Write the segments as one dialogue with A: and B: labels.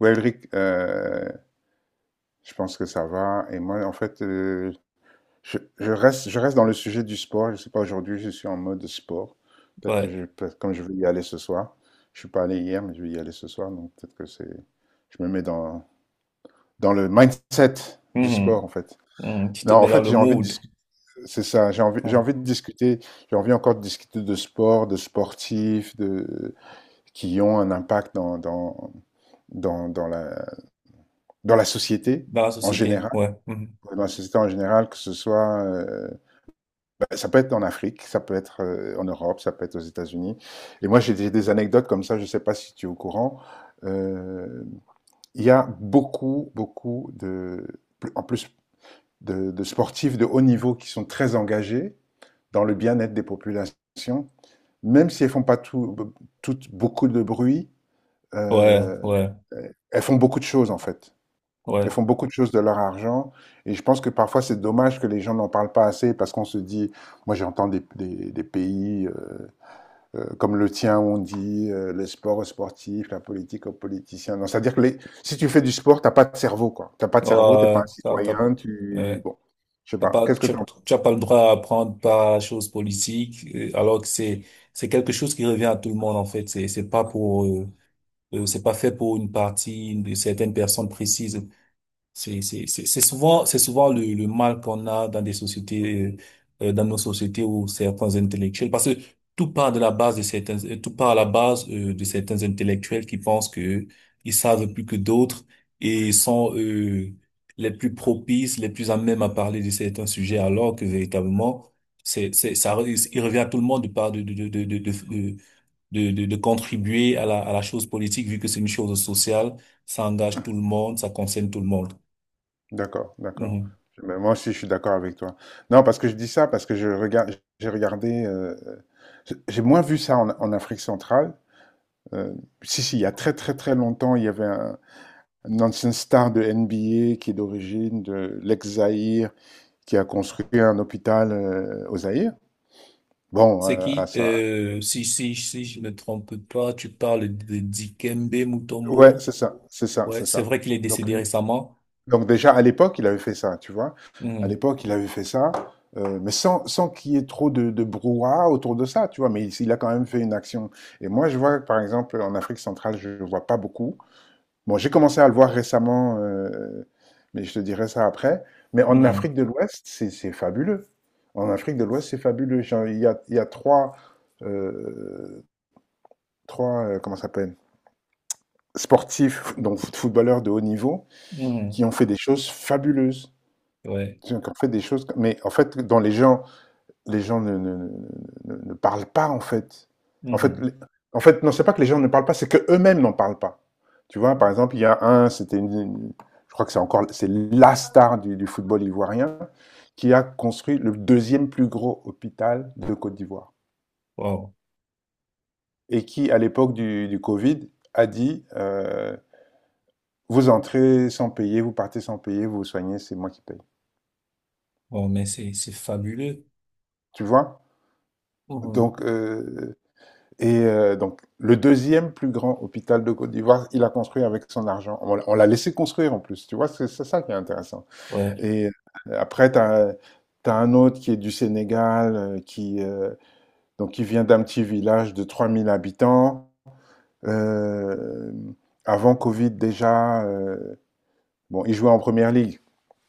A: Ouais, Elric, je pense que ça va. Et moi, en fait, je reste, je reste dans le sujet du sport. Je sais pas, aujourd'hui, je suis en mode sport. Peut-être que
B: Ouais.
A: comme je vais y aller ce soir, je suis pas allé hier, mais je vais y aller ce soir. Donc, peut-être que je me mets dans le mindset du
B: Mhm.
A: sport, en fait.
B: Mhm. Tu te
A: Non, en
B: mets dans
A: fait,
B: le
A: j'ai envie de
B: mood,
A: discuter. C'est ça, j'ai
B: hein,
A: envie de discuter. J'ai envie encore de discuter de sport, de sportifs, de, qui ont un impact dans, dans la, dans la société
B: dans la
A: en
B: société.
A: général
B: Ouais. Mhm.
A: que ce soit, bah, ça peut être en Afrique, ça peut être en Europe, ça peut être aux États-Unis. Et moi, j'ai des anecdotes comme ça, je ne sais pas si tu es au courant. Euh, Il y a beaucoup, beaucoup de, en plus de sportifs de haut niveau qui sont très engagés dans le bien-être des populations, même si elles font pas tout, toutes beaucoup de bruit.
B: Ouais,
A: euh,
B: ouais,
A: Elles font beaucoup de choses en fait. Ils
B: ouais.
A: font beaucoup de choses de leur argent et je pense que parfois c'est dommage que les gens n'en parlent pas assez parce qu'on se dit, moi j'entends des pays comme le tien où on dit le sport aux sportifs, la politique aux politiciens. Non, c'est-à-dire que les, si tu fais du sport, t'as pas de cerveau quoi. T'as pas de cerveau, t'es pas
B: Ouais,
A: un citoyen, tu...
B: ouais.
A: Bon, je sais
B: T'as
A: pas,
B: pas,
A: qu'est-ce que
B: tu,
A: tu en penses?
B: tu as pas le droit à apprendre par chose politique, alors que c'est quelque chose qui revient à tout le monde, en fait. C'est pas pour, c'est pas fait pour une partie, certaines personnes précises. C'est souvent le mal qu'on a dans des sociétés, dans nos sociétés où certains intellectuels, parce que tout part de la base de certains, tout part à la base, de certains intellectuels qui pensent que ils savent plus que d'autres et sont, les plus propices, les plus à même à parler de certains sujets, alors que véritablement, ça, il revient à tout le monde de par- de contribuer à la chose politique, vu que c'est une chose sociale, ça engage tout le monde, ça concerne tout le monde.
A: D'accord, d'accord.
B: Mhm.
A: Mais moi aussi je suis d'accord avec toi. Non, parce que je dis ça parce que je regarde, j'ai regardé, j'ai moins vu ça en Afrique centrale. Euh, Si, si, il y a très très très longtemps, il y avait un ancien star de NBA qui est d'origine de l'ex-Zaïre, qui a construit un hôpital au Zaïre. Bon,
B: C'est
A: à
B: qui,
A: ça.
B: si je me trompe pas, tu parles de Dikembe
A: Ouais,
B: Mutombo.
A: c'est ça, c'est ça,
B: Ouais,
A: c'est
B: c'est
A: ça.
B: vrai qu'il est
A: Donc,
B: décédé récemment.
A: donc déjà, à l'époque, il avait fait ça, tu vois. À
B: Mhm.
A: l'époque, il avait fait ça, mais sans qu'il y ait trop de brouhaha autour de ça, tu vois. Mais il a quand même fait une action. Et moi, je vois, par exemple, en Afrique centrale, je ne vois pas beaucoup. Bon, j'ai commencé à le voir récemment, mais je te dirai ça après. Mais en
B: Mhm.
A: Afrique de l'Ouest, c'est fabuleux. En Afrique de l'Ouest, c'est fabuleux. Genre, il y a 3, heu, 3, comment ça s'appelle? Sportifs, donc footballeurs de haut niveau,
B: Mhm.
A: qui ont fait des choses fabuleuses.
B: Ouais.
A: Qui ont fait des choses mais en fait, dans les gens ne parlent pas en fait. En fait,
B: Mhm.
A: les, en fait, non, c'est pas que les gens ne parlent pas, c'est que eux-mêmes n'en parlent pas. Tu vois, par exemple, il y a un, c'était je crois que c'est encore, c'est la star du football ivoirien qui a construit le deuxième plus gros hôpital de Côte d'Ivoire
B: Wow.
A: et qui, à l'époque du Covid, a dit vous entrez sans payer, vous partez sans payer, vous vous soignez, c'est moi qui paye.
B: Wow, mais c'est fabuleux.
A: Tu vois?
B: Mhm.
A: Donc, euh, Et donc, le deuxième plus grand hôpital de Côte d'Ivoire, il a construit avec son argent. On l'a laissé construire en plus, tu vois, c'est ça qui est intéressant.
B: Ouais.
A: Et après, tu as un autre qui est du Sénégal, donc, qui vient d'un petit village de 3 000 habitants. Euh, Avant Covid déjà, bon, il jouait en première ligue.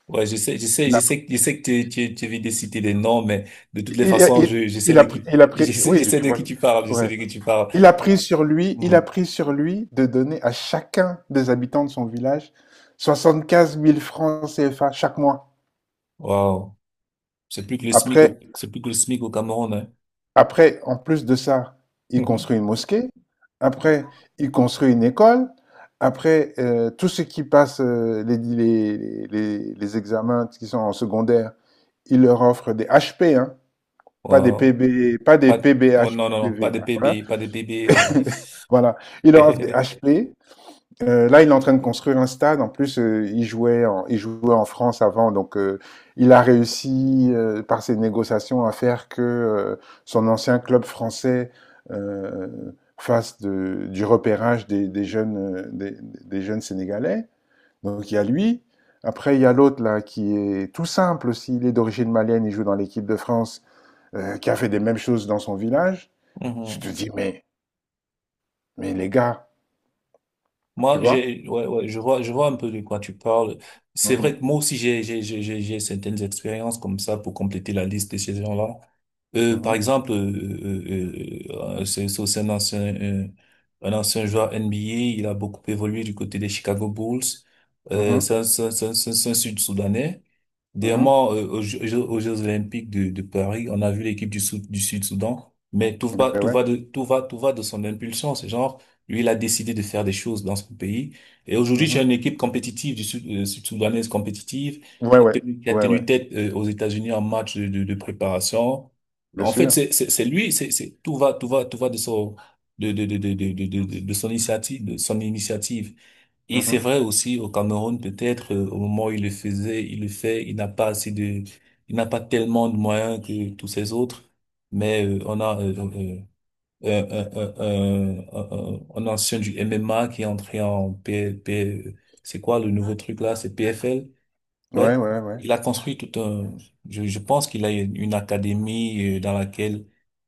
B: Ouais,
A: Il a,
B: je sais que tu viens de citer des noms, mais de toutes les façons, je sais de qui,
A: il a pris,
B: je
A: oui,
B: sais
A: tu
B: de
A: vois,
B: qui tu parles, je sais
A: ouais.
B: de qui tu parles.
A: Il a pris sur lui, il a
B: Mhm.
A: pris sur lui de donner à chacun des habitants de son village 75 000 francs CFA chaque mois.
B: Wow. C'est plus que le SMIC
A: Après,
B: au, c'est plus que le SMIC au Cameroun,
A: après, en plus de ça, il
B: hein.
A: construit une mosquée. Après, il construit une école. Après, tous ceux qui passent les examens qui sont en secondaire, il leur offre des HP, hein, pas des
B: Wow.
A: PB, pas des
B: Pas de- oh, non,
A: PBHPV.
B: pas
A: Là,
B: de
A: voilà.
B: bébé, pas de bébé.
A: Voilà. Il leur offre des
B: euh.
A: HP. Là, il est en train de construire un stade. En plus, il jouait en France avant, donc il a réussi par ses négociations à faire que son ancien club français euh, du repérage des jeunes, des jeunes sénégalais. Donc il y a lui. Après, il y a l'autre là qui est tout simple aussi. Il est d'origine malienne. Il joue dans l'équipe de France, qui a fait des mêmes choses dans son village. Tu te
B: Mhm.
A: dis mais les gars, tu
B: Moi,
A: vois?
B: ouais, ouais, je vois un peu de quoi tu parles. C'est vrai que
A: Mhm,
B: moi aussi, j'ai certaines expériences comme ça pour compléter la liste de ces gens-là. Par
A: mhm,
B: exemple, c'est aussi un ancien joueur NBA. Il a beaucoup évolué du côté des Chicago Bulls.
A: mhm,
B: C'est un Sud-Soudanais.
A: mhm.
B: Dernièrement, aux Jeux- Olympiques de Paris, on a vu l'équipe Sou- du Sud-Soudan, mais
A: Beh, ouais.
B: tout va de son impulsion. C'est genre, lui, il a décidé de faire des choses dans son pays. Et aujourd'hui, j'ai une
A: Mmh.
B: équipe compétitive du Sud, Sud-Soudanaise compétitive
A: Ouais, ouais.
B: qui a
A: Ouais, ouais.
B: tenu tête, aux États-Unis en match de préparation.
A: Bien
B: En fait,
A: sûr.
B: c'est lui, tout va de son, de son initiative, de son initiative. Et c'est
A: Mmh.
B: vrai aussi au Cameroun, peut-être au moment où il le faisait, il le fait, il n'a pas assez de, il n'a pas tellement de moyens que tous ces autres, mais on a un ancien du MMA qui est entré P- c'est quoi le nouveau truc là, c'est PFL,
A: Ouais,
B: ouais,
A: ouais, ouais.
B: il a construit tout un, je pense qu'il a une académie dans laquelle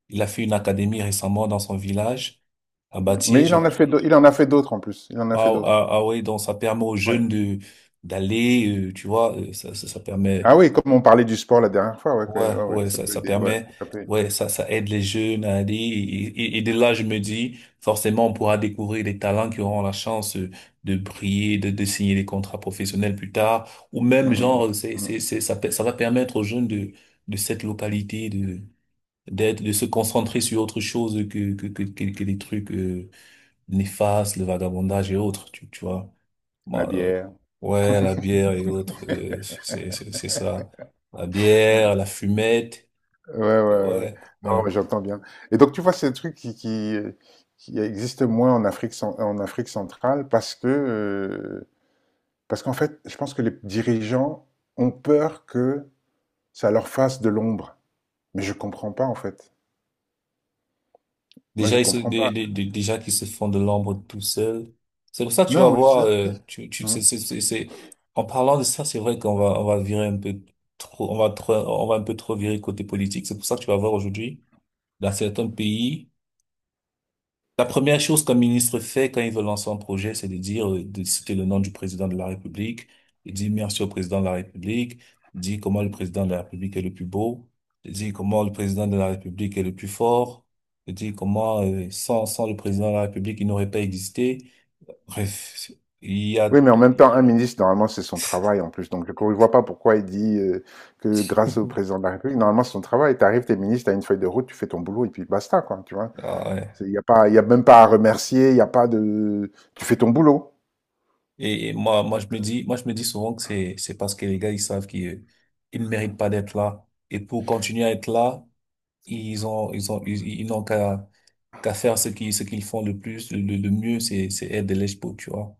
B: il a fait une académie récemment dans son village à
A: Mmh. Mais
B: Batier,
A: il en a fait d'autres en plus. Il en a fait d'autres.
B: ah oui, donc ça permet aux
A: Ouais.
B: jeunes de d'aller, tu vois, ça permet,
A: Ah oui, comme on parlait du sport la dernière fois, ouais, que
B: ouais,
A: ouais, ouais,
B: ouais,
A: ça peut
B: ça
A: aider, ouais,
B: permet,
A: ça peut aider.
B: ouais, ça aide les jeunes à aller. Et de là, je me dis, forcément, on pourra découvrir des talents qui auront la chance de briller, de signer des contrats professionnels plus tard, ou
A: Mmh
B: même
A: mh, mmh.
B: genre,
A: Mmh.
B: ça va permettre aux jeunes de cette localité de d'être, de se concentrer sur autre chose que les trucs néfastes, le vagabondage et autres, tu vois.
A: La
B: Bon,
A: bière.
B: ouais, la bière et autres, c'est ça. La
A: Mmh.
B: bière, la fumette,
A: Ouais, ouais, ouais, ouais.
B: ouais, ouais.
A: Non, mais j'entends bien. Et donc tu vois, c'est un truc qui qui existe moins en Afrique cen en Afrique centrale parce que, parce qu'en fait, je pense que les dirigeants ont peur que ça leur fasse de l'ombre. Mais je comprends pas en fait. Moi,
B: Déjà
A: je
B: ils se,
A: comprends pas.
B: dé- dé- dé- déjà qu'ils se font de l'ombre tout seuls. C'est pour ça que tu vas
A: Non, mais
B: voir,
A: c'est
B: tu tu
A: mmh.
B: c'est- en parlant de ça, c'est vrai qu'on va on va virer un peu trop, on va un peu trop virer côté politique. C'est pour ça que tu vas voir aujourd'hui dans certains pays. La première chose qu'un ministre fait quand il veut lancer un projet, c'est de dire, de citer le nom du président de la République, il dit merci au président de la République, il dit comment le président de la République est le plus beau, il dit comment le président de la République est le plus fort, il dit comment sans, sans le président de la République, il n'aurait pas existé. Bref, il y a
A: Oui, mais en
B: tout.
A: même temps, un ministre, normalement, c'est son travail en plus. Donc, je ne vois pas pourquoi il dit que grâce au président de la République, normalement, c'est son travail. Tu arrives, t'es ministre, t'as une feuille de route, tu fais ton boulot et puis basta, quoi. Tu vois,
B: Ah ouais.
A: il n'y a pas, y a même pas à remercier, il n'y a pas de. Tu fais ton boulot.
B: Moi, moi, je me dis, moi, je me dis souvent que c'est parce que les gars, ils savent qu'ils, ils ne méritent pas d'être là. Et pour continuer à être là, ils n'ont qu'à qu'à faire ce qu'ils font le plus le mieux c'est aider les pauvres, tu vois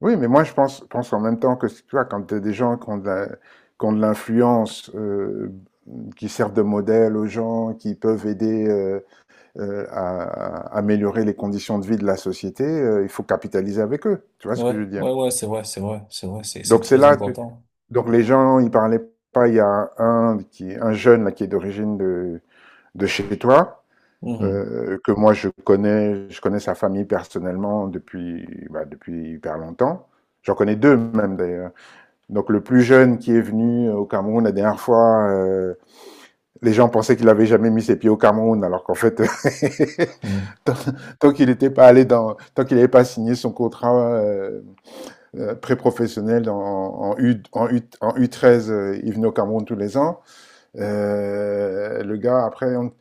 A: Oui, mais moi, pense en même temps que, tu vois, quand t'as des gens qui ont de l'influence, qui servent de modèle aux gens, qui peuvent aider, à améliorer les conditions de vie de la société, il faut capitaliser avec eux. Tu vois ce que je veux dire?
B: ouais c'est vrai c'est
A: Donc c'est
B: très
A: là, tu-
B: important.
A: donc les gens, ils parlaient pas. Il y a un jeune là qui est d'origine de chez toi,
B: Mhm.
A: que moi je connais sa famille personnellement depuis bah, depuis hyper longtemps. J'en connais deux même d'ailleurs. Donc le plus jeune qui est venu au Cameroun la dernière fois, les gens pensaient qu'il avait jamais mis ses pieds au Cameroun, alors qu'en fait
B: Mhm.
A: tant qu'il n'était pas tant qu'il n'avait pas signé son contrat pré-professionnel en U13, il venait au Cameroun tous les ans. Le gars,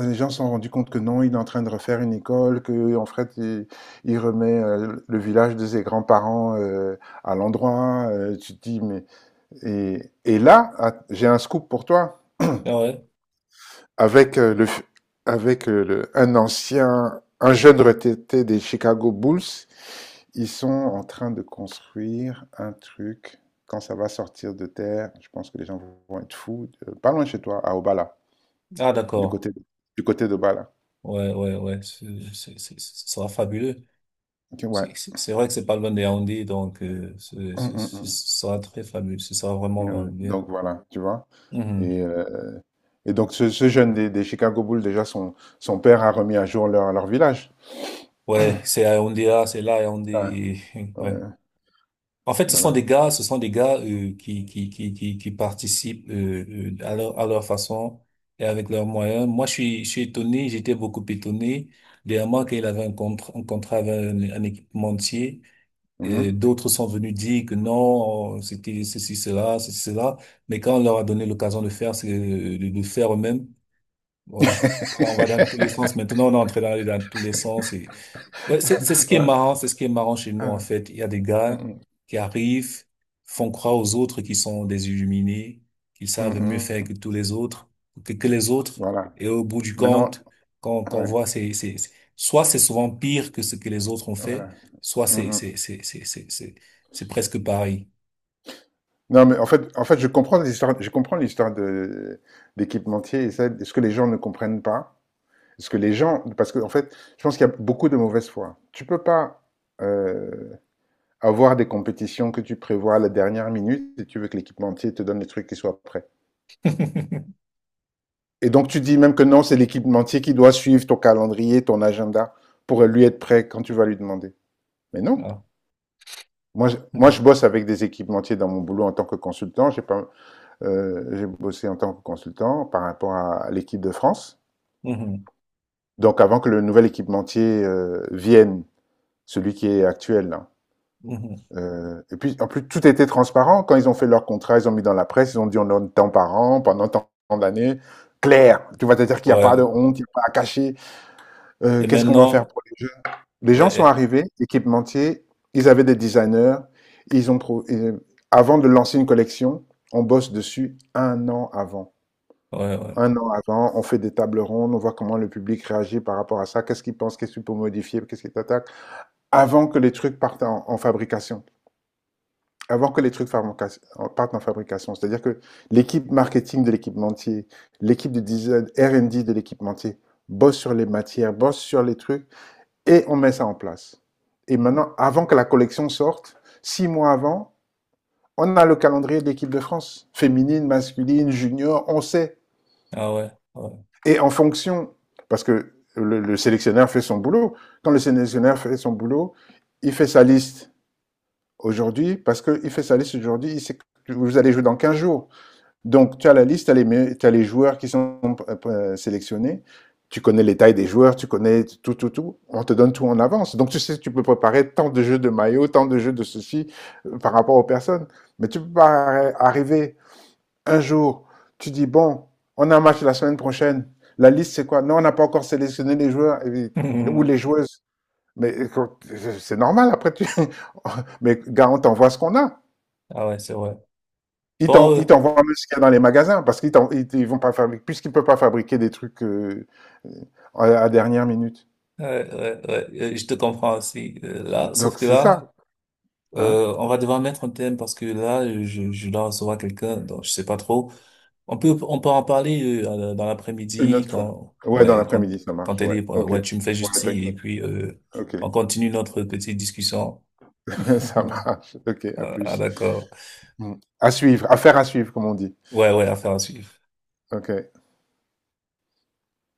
A: les gens se sont rendus compte que non, il est en train de refaire une école, que en fait, il remet le village de ses grands-parents à l'endroit. Tu te dis, mais et là, ah, j'ai un scoop pour toi
B: Ah ouais.
A: avec un ancien, un jeune retraité des Chicago Bulls. Ils sont en train de construire un truc. Quand ça va sortir de terre, je pense que les gens vont être fous. Pas loin de chez toi, à Obala,
B: Ah
A: du
B: d'accord.
A: côté, du côté d'Obala.
B: Ouais c'est- ce sera fabuleux.
A: Ok, ouais.
B: C'est vrai que c'est pas loin de Yaoundé donc
A: Hum, hum,
B: ce
A: hum.
B: sera très fabuleux, ce sera
A: Ouais,
B: vraiment
A: ouais.
B: bien.
A: Donc voilà, tu vois.
B: Mhm.
A: Et, donc ce jeune des Chicago Bulls, déjà, son père a remis à jour leur village.
B: Ouais, c'est à Yaoundé là, c'est là à
A: Ouais,
B: Yaoundé.
A: ouais,
B: Ouais. En fait, ce sont
A: voilà.
B: des gars, ce sont des gars qui participent à leur façon et avec leurs moyens. Moi, je suis étonné, j'étais beaucoup étonné. Dernièrement, qu'il avait un contrat avec un équipementier,
A: Mhm.
B: d'autres sont venus dire que non, c'était ceci, cela, ceci, cela. Mais quand on leur a donné l'occasion de faire, de faire eux-mêmes, ouais. On va dans tous les sens. Maintenant, on est en train d'aller dans tous les sens. Ouais, c'est ce qui est
A: Ouais.
B: marrant, c'est ce qui est marrant chez nous, en
A: Ah,
B: fait. Il y a des gars
A: mm,
B: qui arrivent, font croire aux autres qu'ils sont des illuminés, qu'ils
A: mm,
B: savent mieux
A: mm,
B: faire que
A: mm.
B: tous les autres, que les autres.
A: Voilà.
B: Et au bout du
A: Maintenant,
B: compte, quand on
A: ouais,
B: voit, soit c'est souvent pire que ce que les autres ont fait,
A: voilà.
B: soit
A: Mm.
B: c'est presque pareil.
A: Non, mais en fait, je comprends l'histoire de d'équipementier et ça, ce que les gens ne comprennent pas, ce que les gens, parce que en fait, je pense qu'il y a beaucoup de mauvaise foi. Tu peux pas euh, avoir des compétitions que tu prévois à la dernière minute et tu veux que l'équipementier te donne les trucs qui soient prêts. Et donc tu dis même que non, c'est l'équipementier qui doit suivre ton calendrier, ton agenda pour lui être prêt quand tu vas lui demander. Mais non.
B: Ah.
A: Moi, je
B: Mhm.
A: bosse avec des équipementiers dans mon boulot en tant que consultant. J'ai pas. J'ai bossé en tant que consultant par rapport à l'équipe de France.
B: Mhm.
A: Donc avant que le nouvel équipementier vienne, celui qui est actuel, hein.
B: Mhm.
A: Et puis en plus tout était transparent. Quand ils ont fait leur contrat, ils ont mis dans la presse, ils ont dit on donne tant par an pendant tant d'années. Clair, tu vas te dire qu'il n'y a
B: Ouais.
A: pas de honte, il n'y a pas à cacher.
B: Et
A: Qu'est-ce qu'on va faire
B: maintenant,
A: pour les jeunes? Les gens sont
B: ouais,
A: arrivés, équipementiers, ils avaient des designers, ils ont pro- euh, avant de lancer une collection, on bosse dessus un an avant.
B: ouais, ouais.
A: Un an avant, on fait des tables rondes, on voit comment le public réagit par rapport à ça, qu'est-ce qu'il pense, qu'est-ce qu'il peut modifier, qu'est-ce qu'il attaque, avant que les trucs partent en fabrication, avant que les trucs partent en fabrication. C'est-à-dire que l'équipe marketing de l'équipementier, l'équipe de design, R&D de l'équipementier, bosse sur les matières, bosse sur les trucs, et on met ça en place. Et maintenant, avant que la collection sorte, 6 mois avant, on a le calendrier de l'équipe de France, féminine, masculine, junior, on sait.
B: Ah ouais, ouais.
A: Et en fonction, parce que le sélectionneur fait son boulot, quand le sélectionneur fait son boulot, il fait sa liste aujourd'hui, parce qu'il fait sa liste aujourd'hui, il sait que vous allez jouer dans 15 jours. Donc, tu as la liste, tu as les joueurs qui sont sélectionnés, tu connais les tailles des joueurs, tu connais tout, tout, tout. On te donne tout en avance. Donc, tu sais, tu peux préparer tant de jeux de maillots, tant de jeux de ceci par rapport aux personnes. Mais tu peux pas arriver un jour, tu dis, bon, on a un match la semaine prochaine. La liste, c'est quoi? Non, on n'a pas encore sélectionné les ou les joueuses. Mais quand, c'est normal, après, tu... Mais gars, on t'envoie ce qu'on a.
B: Ah ouais, c'est vrai. Bon,
A: Ils t'envoient même ce qu'il y a dans les magasins parce qu'ils vont pas fabriquer, puisqu'ils ne peuvent pas fabriquer des trucs à la dernière minute.
B: Ouais, je te comprends aussi. Euh, là, sauf
A: Donc,
B: que
A: c'est
B: là,
A: ça, hein?
B: on va devoir mettre un thème parce que là, je dois recevoir quelqu'un, donc je sais pas trop. On peut en parler dans
A: Une
B: l'après-midi
A: autre fois. Ouais, dans l'après-midi, ça
B: quand
A: marche,
B: elle
A: ouais.
B: est
A: Ok.
B: ouais, tu me fais juste
A: Ouais,
B: signe et
A: t'inquiète.
B: puis
A: Ok.
B: on continue notre petite discussion.
A: Ça marche. Ok, à
B: Ah,
A: plus.
B: d'accord.
A: Mm. À suivre, à suivre, comme on dit.
B: Ouais, ouais, affaire à suivre.
A: Ok.